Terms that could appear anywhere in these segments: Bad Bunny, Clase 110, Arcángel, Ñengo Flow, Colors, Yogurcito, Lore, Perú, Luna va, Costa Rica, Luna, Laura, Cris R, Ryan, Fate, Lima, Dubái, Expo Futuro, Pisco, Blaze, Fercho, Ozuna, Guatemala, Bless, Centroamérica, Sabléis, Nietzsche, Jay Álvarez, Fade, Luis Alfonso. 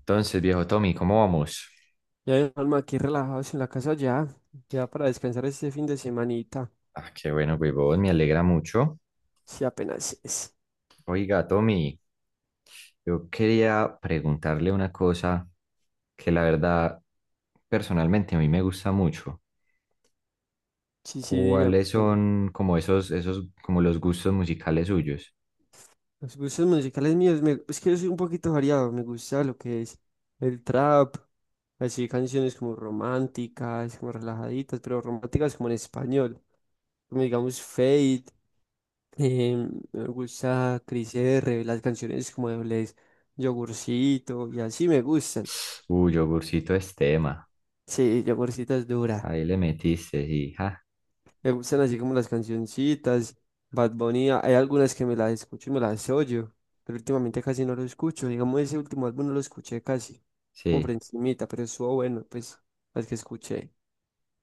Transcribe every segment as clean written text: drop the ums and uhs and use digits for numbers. Entonces, viejo Tommy, ¿cómo vamos? Ya, alma, aquí relajados en la casa ya, ya para descansar este fin de semanita, Ah, qué bueno, huevón, me alegra mucho. si apenas es. Oiga, Tommy, yo quería preguntarle una cosa que la verdad, personalmente a mí me gusta mucho. Sí, sí, dígame. ¿Cuáles dígame. son como esos, como los gustos musicales suyos? Los gustos musicales míos, es que yo soy un poquito variado, me gusta lo que es el trap, así canciones como románticas, como relajaditas, pero románticas como en español, como digamos Fade, me gusta Cris R, las canciones como de Bless, Yogurcito, y así me gustan. Uy, yogurcito Estema, Sí, Yogurcito es dura. ahí le metiste, sí, ja, Me gustan así como las cancioncitas, Bad Bunny, hay algunas que me las escucho y me las oyo, pero últimamente casi no lo escucho, digamos ese último álbum no lo escuché casi, como por sí. encimita, pero estuvo bueno, pues, las que escuché,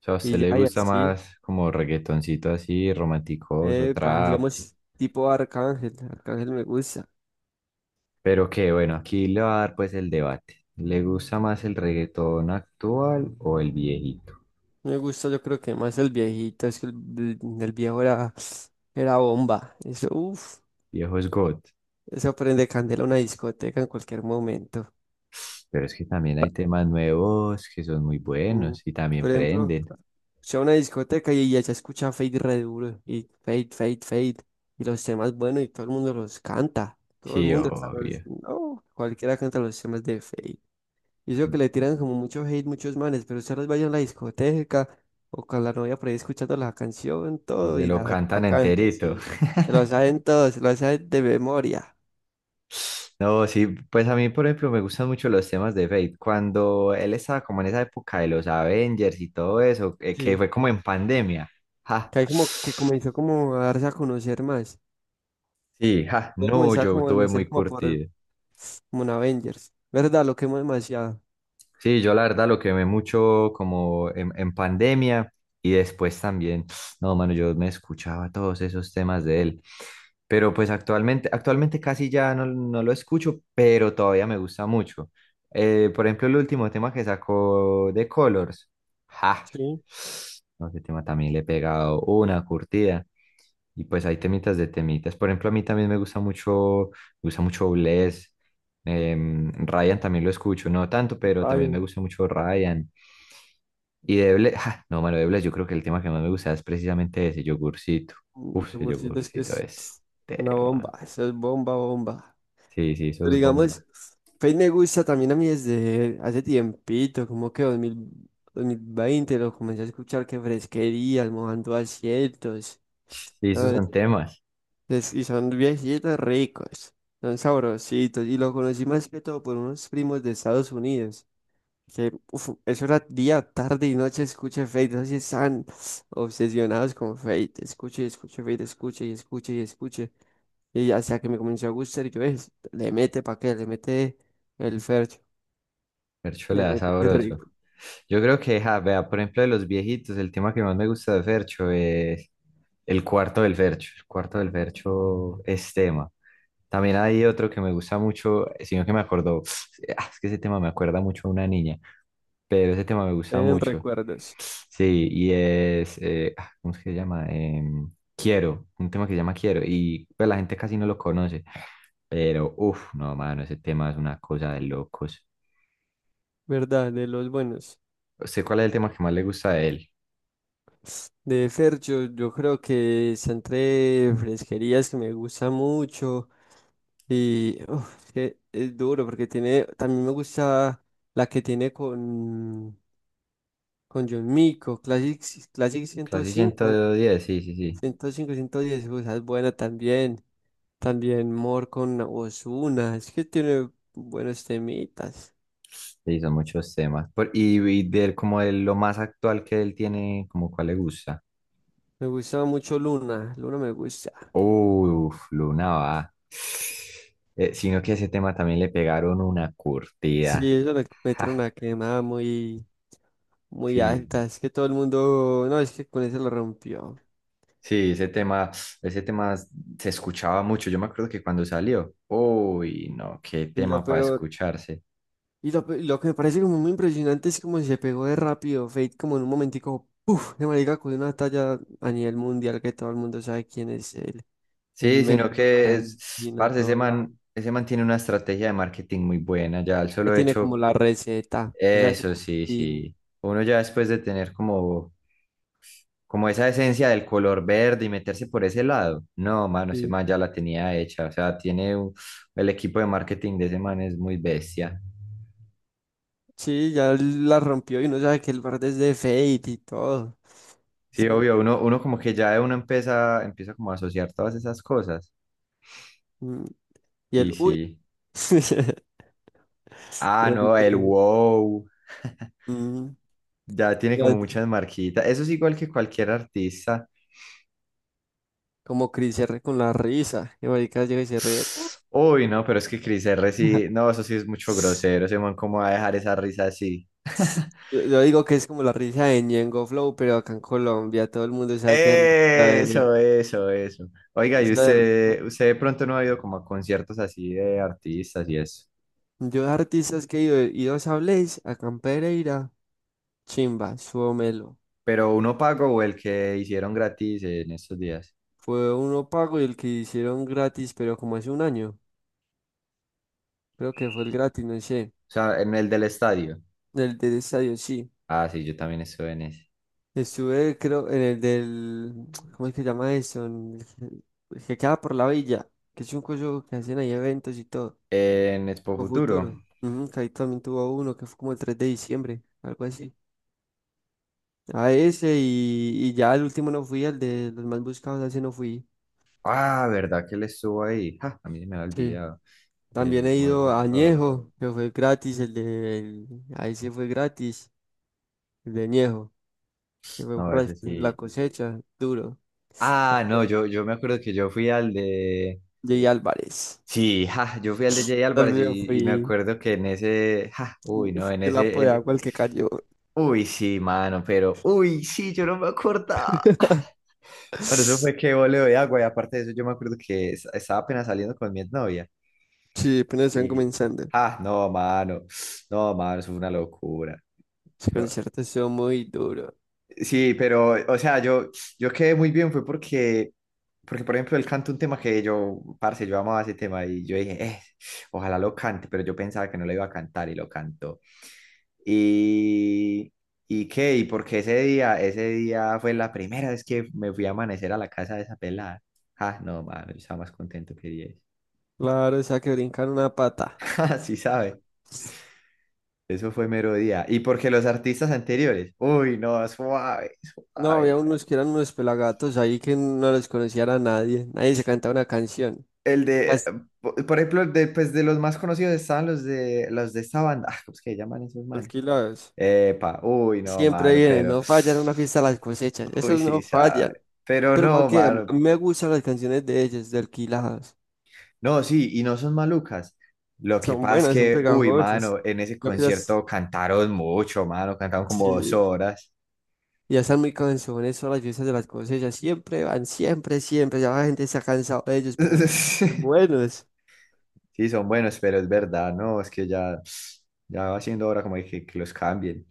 O sea, ¿a usted y le ya, y gusta así, más como reggaetoncito así, romanticoso, epa, trap? digamos, tipo Arcángel, Arcángel Pero que bueno, aquí le va a dar pues el debate. ¿Le gusta más el reggaetón actual o el viejito? me gusta yo creo que más el viejito, es que el viejo era bomba, eso, uff, Viejo es God. eso prende candela a una discoteca en cualquier momento. Pero es que también hay temas nuevos que son muy Mm, buenos y también Por ejemplo, prenden. sea una discoteca y ya se escucha Fade re duro, y Fade, Fade, Fade, y los temas buenos y todo el mundo los canta, todo el Sí, mundo, obvio. no, cualquiera canta los temas de Fade. Y eso que le tiran como mucho hate muchos manes, pero se los vayan a la discoteca o con la novia por ahí escuchando la canción, Y todo, se y lo la, cantan la cantan, enterito. sí. Se lo saben todos, se lo saben de memoria. No, sí, pues a mí, por ejemplo, me gustan mucho los temas de Fate. Cuando él estaba como en esa época de los Avengers y todo eso, que Sí. fue como en pandemia. Ja. Que ahí como que comenzó como a darse a conocer más. Sí, ja. Yo No, comenzaba yo como a tuve muy conocer como por curtido. como en Avengers. ¿Verdad? Lo quemo demasiado. Sí, yo la verdad lo quemé mucho como en pandemia y después también, no, mano, yo me escuchaba todos esos temas de él, pero pues actualmente casi ya no lo escucho, pero todavía me gusta mucho. Por ejemplo, el último tema que sacó de Colors, ja, Sí, no, ese tema también le he pegado una curtida. Y pues hay temitas de temitas. Por ejemplo, a mí también me gusta mucho Bless. Ryan también lo escucho, no tanto, pero también me Biden. gusta mucho Ryan. Y de Bless, ja, no, mano, de Bless, yo creo que el tema que más me gusta es precisamente ese yogurcito. Uf, Lo ese peorcito es que yogurcito es es una bomba. tema. Eso es bomba, bomba. Sí, sí, eso Pero es digamos, bomba. Fate me gusta también a mí desde hace tiempito, como que 2020 lo comencé a escuchar que fresquería, mojando asientos. Sí, esos ¿Sabes? son temas. Y son viejitos ricos, son sabrositos. Y lo conocí más que todo por unos primos de Estados Unidos. Que, uf, eso era día, tarde y noche, escuche Fate. No sé si están obsesionados con Fate. Escuche y escuche Fate, escuche y escuche y escuche. Y hasta que me comenzó a gustar, y yo es, le mete pa' qué, le mete el Fercho, Fercho le le da mete qué sabroso. rico. Yo creo que, ja, vea, por ejemplo, de los viejitos, el tema que más me gusta de Fercho es el cuarto del Fercho. El cuarto del Fercho es tema. También hay otro que me gusta mucho, sino que me acordó, ah, es que ese tema me acuerda mucho a una niña, pero ese tema me gusta En mucho. recuerdos, Sí, y es, ¿cómo es que se llama? Quiero, un tema que se llama Quiero, y pues la gente casi no lo conoce, pero uff, no, mano, ese tema es una cosa de locos. ¿verdad? De los buenos. ¿Usted cuál es el tema que más le gusta de él? De Fercho, yo creo que está entre fresquerías que me gusta mucho. Y uf, es que es duro porque tiene, también me gusta la que tiene con John Mico, Classic, Clase 105, 110, sí, sí, sí. 105, 110, o sea, es buena también. También Mor con Ozuna, es que tiene buenos temitas. Sí, son muchos temas. Por- y de él, como de lo más actual que él tiene, como cuál le gusta. Me gustaba mucho Luna, Luna me gusta. Uf, Luna va. Sino que a ese tema también le pegaron una Sí, curtida. ellos le metieron Ja, una quemada muy, muy sí, alta, es que todo el mundo, no, es que con eso lo rompió. sí, ese tema se escuchaba mucho. Yo me acuerdo que cuando salió, uy, no, qué Y lo tema para peor, escucharse. Y lo, pe- lo que me parece como muy impresionante es como si se pegó de rápido Fate, como en un momentico, ¡puf! De marica con una talla a nivel mundial que todo el mundo sabe quién es él. En Sí, sino México, en que es, Argentina, en parce, todo lado. Ese man tiene una estrategia de marketing muy buena, ya el Ya solo tiene como hecho, la receta. O sea, eso como sí, tin, sí. Uno ya después de tener como, como esa esencia del color verde y meterse por ese lado, no, mano, ese tin. man ya la tenía hecha, o sea, el equipo de marketing de ese man es muy bestia. Sí, ya la rompió y uno sabe que el verde es de Fate y todo. Sí, Sí. obvio, uno como que ya uno empieza como a asociar todas esas cosas. mm, Y Y el, ¡uy! sí. Ah, Qué no, marica, el eh. wow. Mm, Ya tiene como muchas marquitas. Eso es igual que cualquier artista. Como Chris R con la risa. Y marica llega y se ríe. Uy, no, pero es que Cris R sí. No, eso sí es mucho grosero. Ese man, ¿cómo va a dejar esa risa así? Yo digo que es como la risa de Ñengo Flow, pero acá en Colombia todo el mundo sabe que es la de Eso, eso, eso. Oiga, y esa. usted, de pronto no ha ido como a conciertos así de artistas y eso. Yo de artistas que he ido a Sabléis, acá en Pereira, Chimba, Suomelo. Pero ¿uno pago o el que hicieron gratis en estos días? Fue uno pago y el que hicieron gratis, pero como hace un año. Creo que fue el gratis, no sé. O sea, ¿en el del estadio? El del estadio, sí. Ah, sí, yo también estuve en ese. Estuve, creo, en el del, ¿cómo es que se llama eso? En el que queda por la villa. Que es un coso que hacen ahí eventos y todo. ¿En Expo O Futuro? Futuro. Ujú, que ahí también tuvo uno que fue como el 3 de diciembre, algo así. A ese y ya el último no fui, al de los más buscados, a ese no fui. Ah, ¿verdad que le estuvo ahí? Ja, a mí se me había Sí. olvidado de También he los más ido a buscados. Añejo, que fue gratis, ahí sí fue gratis, el de Añejo, que fue No, por la ese la sí. cosecha, duro. Ah, no, yo me acuerdo que yo fui al de... Llegué Álvarez. Sí, ja, yo fui al de Jay Álvarez También y me fui. acuerdo que en ese... Ja, uy, no, Uf, en el bueno, ese... lapo de en- agua el que cayó. Uy, sí, mano, pero... Uy, sí, yo no me acordaba. Bueno, eso fue que voleo de agua y aparte de eso yo me acuerdo que estaba apenas saliendo con mi novia Sí, apenas están y... comenzando. Ah, no, mano. No, mano, eso fue una locura. Ese concierto estuvo muy duro. Sí, pero, o sea, yo quedé muy bien, fue porque, por ejemplo, él canta un tema que yo, parce, yo amaba ese tema y yo dije, ojalá lo cante", pero yo pensaba que no lo iba a cantar y lo cantó. Y, y qué, y porque ese día fue la primera vez que me fui a amanecer a la casa de esa pelada. Ah, no, mano, yo estaba más contento que 10. Claro, o sea que brincar una pata. Sí, sabe, eso fue mero día. Y porque los artistas anteriores, uy, no, suave, No, había suave. unos que eran unos pelagatos ahí que no los conocía a nadie. Nadie se cantaba una canción. El de, Las po- por ejemplo, el de, pues, de los más conocidos estaban los de esta banda. Ah, ¿cómo es que llaman esos manes? alquiladas. Epa, uy, no, Siempre mano, vienen, pero. no fallan una fiesta las cosechas. Uy, Esos sí, no sabe. fallan. Pero Pero ¿para no, qué? A mí mano. me gustan las canciones de ellos, de alquiladas. No, sí, y no son malucas. Lo que Son pasa es buenas, son que, uy, mano, pegajosas. en ese Yo creo concierto cantaron mucho, mano, cantaron como dos sí. horas. Ya están muy cansones son las fiestas de las cosechas. Siempre van, siempre, siempre. Ya la gente se ha cansado de ellos, pero son buenos. Sí, son buenos, pero es verdad, no, es que ya, ya va siendo hora como de que los cambien.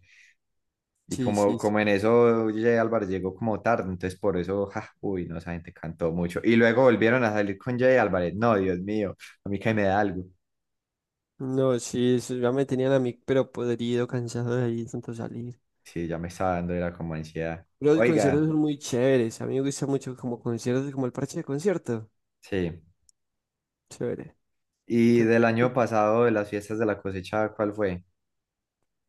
Y Sí, como, sí, como en sí. eso Jay Álvarez llegó como tarde, entonces por eso, ja, uy, no, esa gente cantó mucho. Y luego volvieron a salir con Jay Álvarez. No, Dios mío, a mí que me da algo. No, sí, eso ya me tenían a mí, pero podrido, cansado de ahí tanto salir. Sí, ya me estaba dando, era como ansiedad. Pero los conciertos Oiga, son muy chéveres. A mí me gusta mucho como conciertos, como el parche de concierto. sí. Chévere. Y Que- del año pasado, de las fiestas de la cosecha, ¿cuál fue?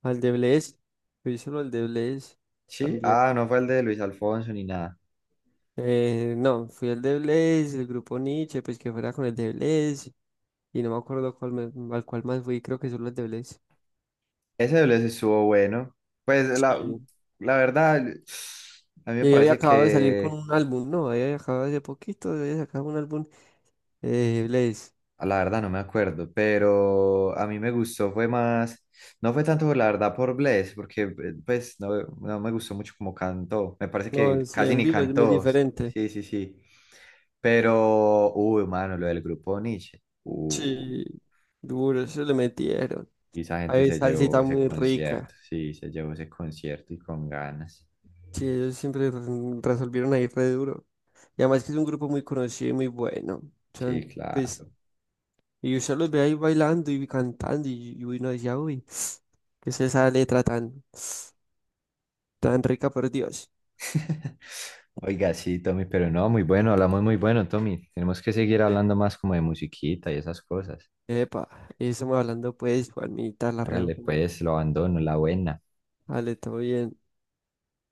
Al de Blaze. Fui solo al de Blaze Sí, también. ah, ¿no fue el de Luis Alfonso ni nada? No, fui al de Blaze, el grupo Nietzsche, pues que fuera con el de Blaze. Y no me acuerdo cuál al cual más fui, creo que solo al de Blaze. Ese de Luis estuvo bueno. Pues la, Sí. la verdad, a mí me Y yo había parece acabado de salir con que... un álbum, no, había acabado hace poquito, había sacado un álbum Blaze. Ah, la verdad no me acuerdo, pero a mí me gustó, fue más, no fue tanto por la verdad por Bless, porque pues no, no me gustó mucho como cantó, me parece que No, sí, casi en ni vivo es muy cantó, sí, diferente. sí, sí, sí. Pero, uy, mano, lo del grupo Nietzsche, Sí, duro, eso le metieron. y esa gente Hay se llevó salsita ese muy rica. concierto, sí, se llevó ese concierto y con ganas, Sí, ellos siempre resolvieron ahí re duro. Y además que es un grupo muy conocido y muy bueno. sí, Son, pues, claro. y usted los ve ahí bailando y cantando y uno decía, uy, ¿qué es esa letra tan, tan rica por Dios? Oiga, sí, Tommy, pero no, muy bueno, hablamos muy bueno, Tommy, tenemos que seguir hablando más como de musiquita y esas cosas. Epa, y estamos hablando pues, Juanita, la reo. Hágale pues, lo abandono, la buena. Vale, todo bien.